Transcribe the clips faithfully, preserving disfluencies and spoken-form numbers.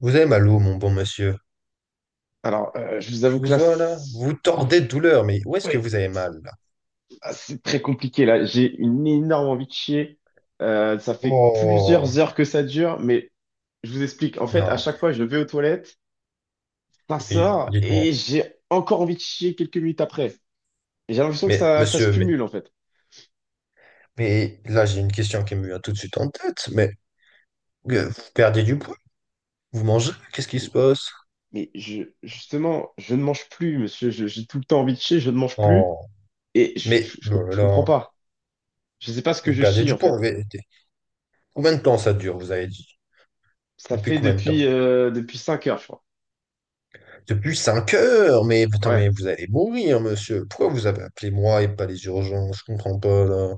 Vous avez mal où, mon bon monsieur? Alors, euh, je vous avoue Je vous que là, vois là. c'est Vous tordez de douleur, mais où est-ce que ouais, vous avez mal là? là, c'est très compliqué. Là, j'ai une énorme envie de chier. Euh, ça fait Oh, plusieurs heures que ça dure, mais je vous explique. En fait, à non, chaque fois, je vais aux toilettes, ça mais oui, sort dites-moi. et j'ai encore envie de chier quelques minutes après. Et j'ai l'impression que Mais ça, ça se monsieur, mais, cumule, en fait. mais là, j'ai une question qui me vient tout de suite en tête. Mais euh, vous perdez du poids? Vous mangez? Qu'est-ce qui se Et- passe? Mais je, justement, je ne mange plus, monsieur. Je- J'ai tout le temps envie de chier, je ne mange plus Oh, et je, je, mais oh je- là, je comprends là, pas. Je ne sais pas ce que vous je perdez chie, du en fait. poids. mais- Combien de temps ça dure, vous avez dit? Ça Depuis fait combien de depuis, temps? euh, depuis cinq heures, je crois. Depuis cinq heures! Mais attends, Ouais. mais vous allez mourir, monsieur. Pourquoi vous avez appelé moi et pas les urgences? Je comprends pas là.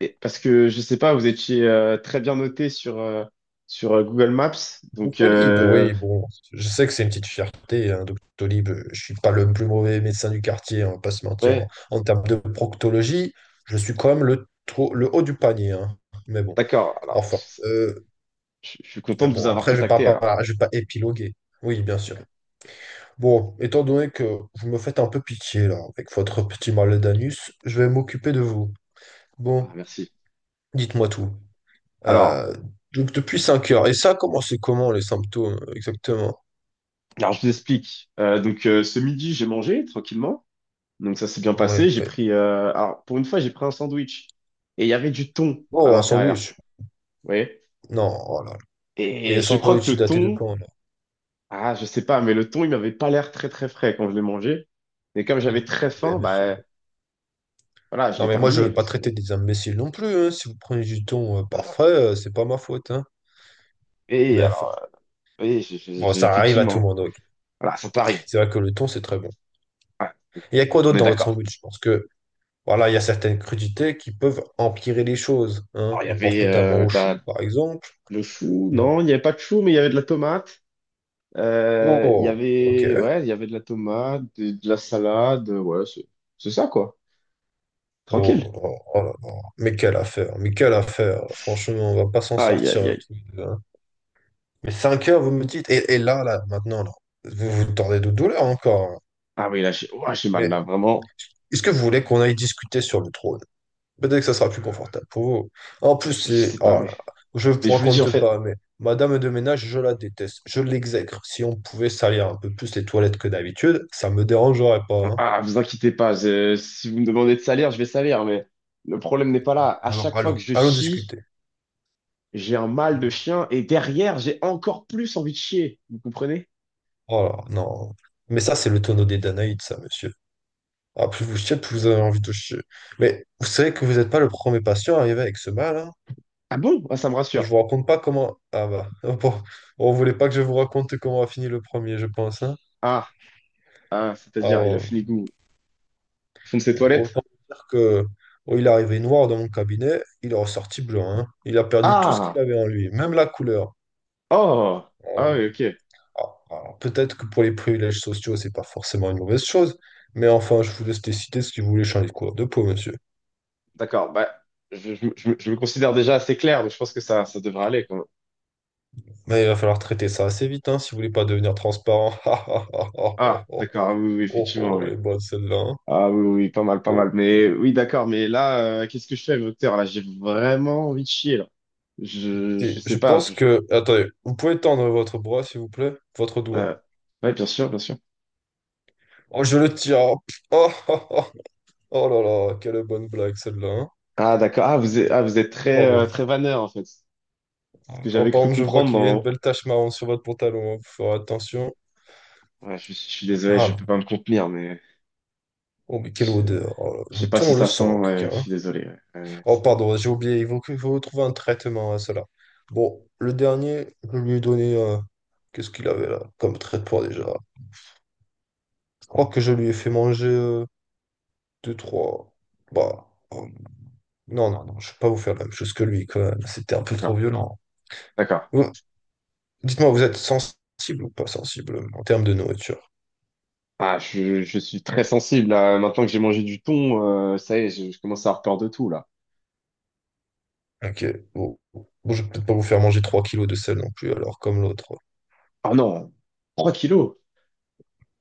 Et- parce que je sais pas, vous étiez euh, très bien noté sur, euh, sur euh, Google Maps. Donc, Doctolib, euh, oui, bon, je sais que c'est une petite fierté, hein, Doctolib. euh, Je suis pas le plus mauvais médecin du quartier, on va pas se mentir. En, ouais, en termes de proctologie, je suis quand même le, trop- le haut du panier, hein. Mais bon, d'accord. Alors, enfin. pff, euh, je je suis content de vous bon, avoir après, je vais pas, contacté alors. pas- je vais pas épiloguer. Oui, bien sûr. D'accord. Bon, étant donné que vous me faites un peu pitié, là, avec votre petit mal d'anus, je vais m'occuper de vous. Bon, Ah, merci. dites-moi tout. Alors, Euh, donc, depuis cinq heures. Et ça, comment c'est comment les symptômes, exactement? alors, je vous explique. Euh, donc, euh, ce midi, j'ai mangé tranquillement. Donc, ça s'est bien Ouais, passé. J'ai ouais. pris, euh, alors, pour une fois, j'ai pris un sandwich. Et il y avait du thon à Oh, un l'intérieur. sandwich. Vous voyez? Non, oh là là. Et Et je sans crois que doute le daté de thon, quand, là? ah, je sais pas, mais le thon, il m'avait pas l'air très, très frais quand je l'ai mangé. Et comme j'avais très faim, Ben, monsieur. bah, voilà, je Non, l'ai mais moi, je terminé veux pas parce que traiter des imbéciles non plus, hein. Si vous prenez du ton euh, parfait, euh, c'est pas ma faute, hein. Et Mais enfin, alors, oui, je- je- bon, je- ça arrive à tout le effectivement, monde, oui. voilà, ça t'arrive. C'est vrai que le thon, c'est très bon. Ouais, Et il y a quoi on d'autre est dans votre d'accord. sandwich? Je pense que, voilà, il y a certaines crudités qui peuvent empirer les choses, hein. Alors, il y On pense avait notamment euh, aux de choux, la, par exemple. le chou, Non. non, il n'y avait pas de chou, mais il y avait de la tomate. Euh, il y Oh, avait, ok. ouais, il y avait de la tomate, de, de la salade, ouais, c'est c'est ça, quoi. Oh, Tranquille. oh, oh là là. Mais quelle affaire, mais quelle affaire. Franchement, on va pas s'en Aïe, aïe, sortir. aïe. Tout. Mais cinq heures, vous me dites, et, et là, là, maintenant, là, vous vous tordez de douleur encore. Hein. Ah oui, là, j'ai ouah, j'ai mal, là, Mais vraiment, est-ce que vous voulez qu'on aille discuter sur le trône? Peut-être que ça sera plus confortable pour vous. En plus, je c'est... sais pas, Oh mais, là, là, je ne mais vous je vous le dis, en raconte fait, pas, mais Madame de ménage, je la déteste. Je l'exècre. Si on pouvait salir un peu plus les toilettes que d'habitude, ça me dérangerait pas. Hein. ah, vous inquiétez pas, je- si vous me demandez de salir, je vais salir, mais le problème n'est pas là. À Alors, chaque fois allons, que je allons chie, discuter. j'ai un mal de Hmm. chien et derrière, j'ai encore plus envie de chier. Vous comprenez? Oh là, non. Mais ça, c'est le tonneau des Danaïdes, ça, monsieur. Ah, plus vous chiez, plus vous avez envie de chier. Mais vous savez que vous n'êtes pas le premier patient arrivé avec ce mal, hein. Ah bon? Ah, ça me Je rassure. vous raconte pas comment. Ah bah, bon, on voulait pas que je vous raconte comment a fini le premier, je pense. Hein. Ah, ah, c'est-à-dire, il a Alors, fini goût au fond de ses toilettes? autant dire que oh, il est arrivé noir dans mon cabinet, il est ressorti blanc. Hein. Il a perdu tout ce qu'il Ah, avait en lui, même la couleur. oh, ah oui, Alors, ok. ah, alors, peut-être que pour les privilèges sociaux, c'est pas forcément une mauvaise chose, mais enfin, je vous laisse décider si vous voulez changer de couleur de peau, monsieur. D'accord, bah, je, je me je me- je me considère déjà assez clair, donc je pense que ça, ça devrait aller quand même. Mais il va falloir traiter ça assez vite, hein, si vous voulez pas devenir transparent. Oh, oh, oh, Ah, oh, d'accord, ah oui, oui, oui, oh, effectivement, oh, oui. elle est bonne celle-là. Hein. Ah oui, oui, oui, pas mal, pas mal. Bon. Mais oui, d'accord, mais là, euh, qu'est-ce que je fais, docteur? Là, j'ai vraiment envie de chier, là. Je, Et je je sais pas. pense je- que... Attendez, vous pouvez tendre votre bras, s'il vous plaît? Votre doigt. euh, ouais, bien sûr, bien sûr. Oh, je le tiens. Oh, oh, oh, oh. Oh là là, quelle bonne blague celle-là. Hein. Ah, d'accord. Ah, vous êtes, ah, vous êtes très, euh, très Pardon. vanneur, en fait. Ce que Oh, j'avais par cru contre, je vois comprendre qu'il y a une dans... belle tache marron sur votre pantalon. Hein. Vous ferez attention. Ouais, je, je suis désolé, Ah, je là. peux pas me contenir, mais Oh, mais quelle je, odeur. Oh je le sais pas si thon, le ça sent, sang, en tout ouais, cas. je Hein. suis désolé. Ouais. Ouais, ouais, Oh, c'est- pardon, j'ai oublié. Il faut, que- il faut trouver un traitement à cela. Bon, le dernier, je lui ai donné. euh, Qu'est-ce qu'il avait là comme traitement déjà? Je crois que je lui ai fait manger euh, deux, trois. Bah, oh, non, non, non, je ne vais pas vous faire la même chose que lui, quoi. Là, c'était un peu D'accord, trop violent. d'accord. Vous- dites-moi, vous êtes sensible ou pas sensible en termes de nourriture? Ah, je, je suis très sensible, là. Maintenant que j'ai mangé du thon, euh, ça y est, je, je commence à avoir peur de tout, là. Ok. Bon, bon, je vais peut-être pas vous faire manger trois kilos de sel non plus, alors comme l'autre. Oh non, trois kilos.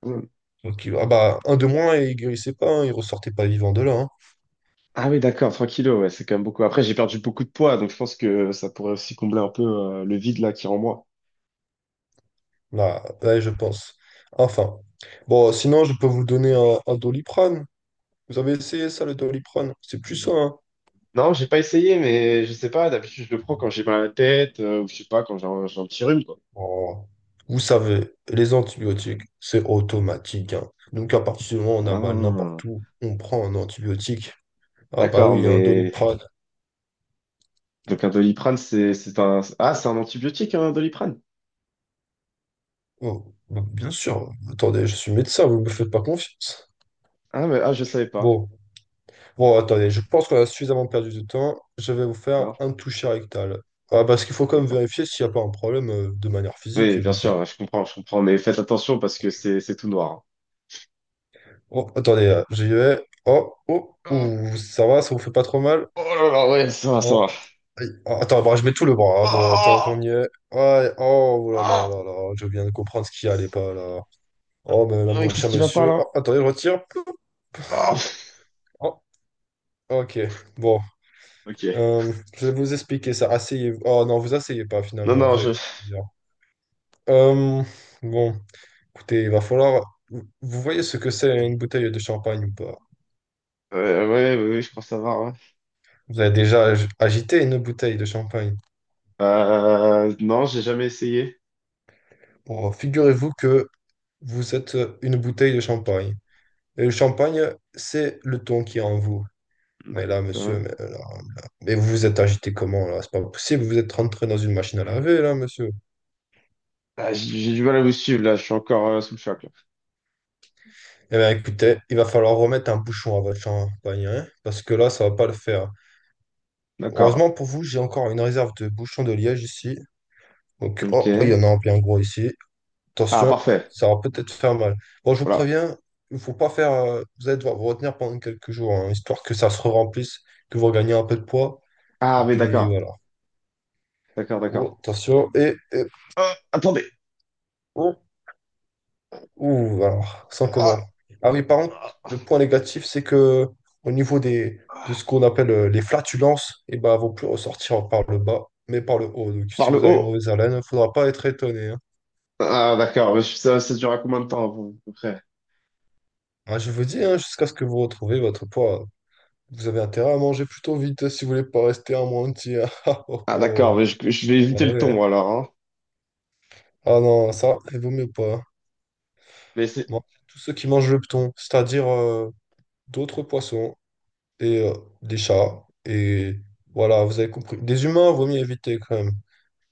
Mm. trois kilos. Ah bah, un de moins et il guérissait pas, hein, il ressortait pas vivant de là. Hein. Ah oui, d'accord, trois kilos, ouais, c'est quand même beaucoup. Après, j'ai perdu beaucoup de poids, donc je pense que ça pourrait aussi combler un peu, euh, le vide, là, qui est en moi. Là, ouais, je pense. Enfin. Bon, sinon, je peux vous donner un, un Doliprane. Vous avez essayé ça, le Doliprane? C'est plus ça, hein. Non, j'ai pas essayé, mais je sais pas, d'habitude je le prends quand j'ai mal à la tête, euh, ou je sais pas, quand j'ai un, j'ai un petit rhume, quoi. Oh, vous savez, les antibiotiques, c'est automatique. Hein. Donc, à partir du moment où on a mal Ah, n'importe où, on prend un antibiotique. Ah bah d'accord, oui, un mais... Doliprane. Donc un Doliprane, c'est c'est un... Ah, c'est un antibiotique, un Doliprane? Oh, bah, bien sûr. Attendez, je suis médecin, vous me faites pas confiance. Ah, mais, ah, je savais pas. Bon, bon, attendez, je pense qu'on a suffisamment perdu de temps. Je vais vous faire D'accord, un toucher rectal. Ah, parce qu'il faut quand même d'accord. vérifier s'il n'y a pas un problème euh, de manière physique, Oui, je bien veux dire. sûr, je comprends, je comprends, mais faites attention parce que c'est c'est tout noir. Oh, attendez, euh, j'y vais. Oh, oh, Hein. ouh, ça va, ça vous fait pas trop mal? Oh, oh là là, ouais, ça va, ça Non. va. Aïe. Ah, attends, bah, je mets tout le bras, hein, bon, tant qu'on Oh, y est. Ouais, oh oh là là oh, là là, je viens de comprendre ce qui allait pas là. Oh, ben là, mais mon qu'est-ce cher qui va pas monsieur. là? Oh, attendez, je retire. Oh, Oh, ok, bon. ok. Euh, je vais vous expliquer ça. Asseyez-vous. Oh non, vous asseyez pas Non, finalement, non, vous avez je... tout à dire. Euh, bon, écoutez, il va falloir. Vous vous voyez ce que c'est une bouteille de champagne ou pas? Ouais, ouais, ouais, ouais, je crois savoir. Ouais. Vous avez déjà ag- agité une bouteille de champagne. Euh, non, j'ai jamais essayé. Bon, figurez-vous que vous êtes une bouteille de champagne. Et le champagne, c'est le ton qui est en vous. Mais là, monsieur, D'accord. mais, euh, là, là- mais vous vous êtes agité comment là? C'est pas possible, vous êtes rentré dans une machine à laver là, monsieur. Ah, j'ai j'ai du mal à vous suivre là, je suis encore euh, sous le choc. Là. Eh bien, écoutez, il va falloir remettre un bouchon à votre champagne, hein, parce que là, ça va pas le faire. D'accord. Heureusement pour vous, j'ai encore une réserve de bouchons de liège ici. Donc, Ok. oh, il y en a un bien gros ici. Ah, Attention, parfait. ça va peut-être faire mal. Bon, je vous Voilà. préviens, il faut pas faire. Euh, vous allez devoir vous retenir pendant quelques jours, hein, histoire que ça se remplisse, que vous regagnez un peu de poids. Et Ah, mais puis d'accord. voilà. D'accord, d'accord. Oh, attention, et, et- Ah, attendez. oh, ouh, alors, sans comment. Ah, Ah oui, par contre, le point négatif, c'est que au niveau des, de ce qu'on appelle euh, les flatulences, eh ben, elles vont plus ressortir par le bas, mais par le haut. Donc, par si le vous avez haut. mauvaise haleine, il ne faudra pas être étonné. Hein. Ah, d'accord. mais je- Ça, ça dure à combien de temps à peu à peu près? Ah, je vous dis, hein, jusqu'à ce que vous retrouviez votre poids, vous avez intérêt à manger plutôt vite si vous voulez pas rester amoindri. Hein. Ah, oh, Ah, d'accord. oh. Mais je, je vais éviter Ah le ouais, hein. ton alors. Hein. Ah non, ça, il vaut mieux pas. Mais c'est. Moi, tous ceux qui mangent le thon, c'est-à-dire euh, d'autres poissons. Et euh, des chats. Et voilà, vous avez compris. Des humains, vaut mieux éviter quand même.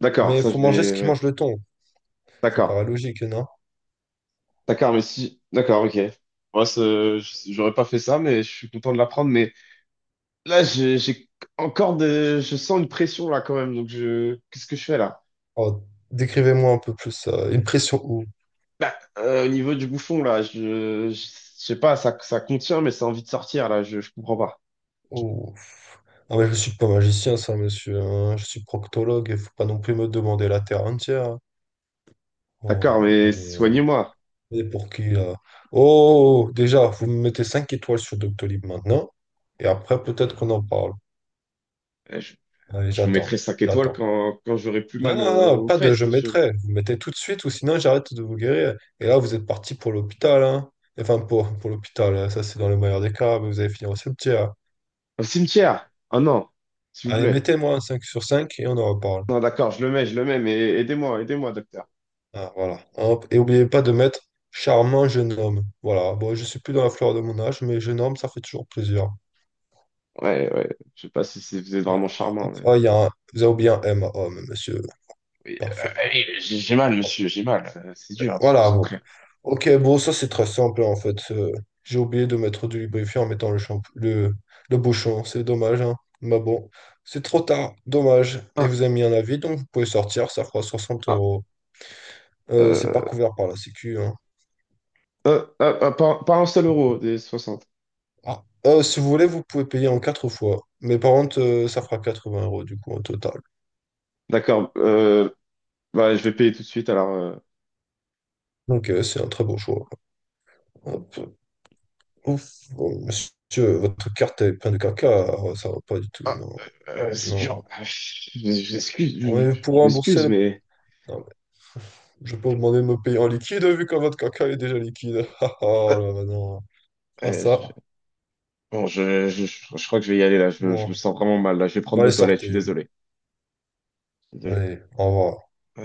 D'accord, Mais il ça faut je manger ce vais. qui Ouais. mange le thon. Ça D'accord. paraît logique, non? D'accord, mais si. D'accord, ok. Moi, c'est- j'aurais pas fait ça, mais je suis content de l'apprendre. Mais là, j'ai j'ai encore de. Je sens une pression là quand même. Donc, je. Qu'est-ce que je fais là? Alors, décrivez-moi un peu plus ça. Une pression ou... Bah, euh, au niveau du bouffon, là, je, je, je sais pas, ça, ça contient, mais ça a envie de sortir, là, je, je comprends pas. ou- Ah mais je suis pas magicien, ça, monsieur. Hein. Je suis proctologue. Il faut pas non plus me demander la terre entière. Hein. D'accord, Oh, mais attendez, hein. soignez-moi. Et pour qui là? Oh, déjà, vous me mettez cinq étoiles sur Doctolib maintenant. Et après, peut-être qu'on en parle. Euh, Je, Allez, je vous mettrai j'attends. cinq étoiles J'attends. quand, quand j'aurai plus Non, mal non, euh, non, aux pas de fesses, je monsieur. mettrai. Vous mettez tout de suite ou sinon j'arrête de vous guérir. Et là, vous êtes parti pour l'hôpital. Hein. Enfin, pour, pour l'hôpital. Hein. Ça, c'est dans le meilleur des cas. Mais vous allez finir au cimetière. Au cimetière! Oh non, s'il vous Allez, plaît. mettez-moi un cinq sur cinq et on en reparle. Non, d'accord, je le mets, je le mets, mais aidez-moi, aidez-moi, docteur. Ah, voilà. Hop. Et oubliez pas de mettre charmant jeune homme. Voilà. Bon, je suis plus dans la fleur de mon âge, mais jeune homme, ça fait toujours plaisir. Ouais, ouais, je sais pas si c'est- vous êtes vraiment Voilà. charmant, Hop, mais... ah, il y a un- vous avez oublié un M à homme, monsieur. Oui, euh, Parfait. allez, j'ai j'ai mal, monsieur, j'ai mal. Euh, C'est dur hein, de se Voilà, bon. concentrer. Ok, bon, ça c'est très simple en fait. Euh, j'ai oublié de mettre du lubrifiant en mettant le champ le, le bouchon. C'est dommage, hein. Mais bon, c'est trop tard. Dommage. Et Ah, vous avez mis un avis, donc vous pouvez sortir. Ça fera 60 ah, euros. Euh, c'est pas euh, couvert par la Sécu, hein. ah, ah, ah, pas, pas un seul euro des soixante. Ah. Euh, si vous voulez, vous pouvez payer en quatre fois. Mais par contre, euh, ça fera quatre-vingts euros du coup au total. D'accord, euh, bah, je vais payer tout de suite, alors... euh, Donc euh, c'est un très beau choix. Hop. Ouf, oh, monsieur, votre carte est pleine de caca, oh, ça va pas du tout, Ah, non. euh, euh, c'est Non. dur. Ah, Je je m'excuse, je, Ouais, pour je rembourser m'excuse, le... mais... Non, mais je peux vous demander de me payer en liquide vu que votre caca est déjà liquide. Ah, ah, euh, là, bah non. Ah euh, je- ça, Bon, je, je, je crois que je vais y aller, là. Je, me- je me moi. sens vraiment mal, là. Je vais Bon, prendre vos allez, toilettes, je suis sortez. désolé. Désolé. Allez, au revoir.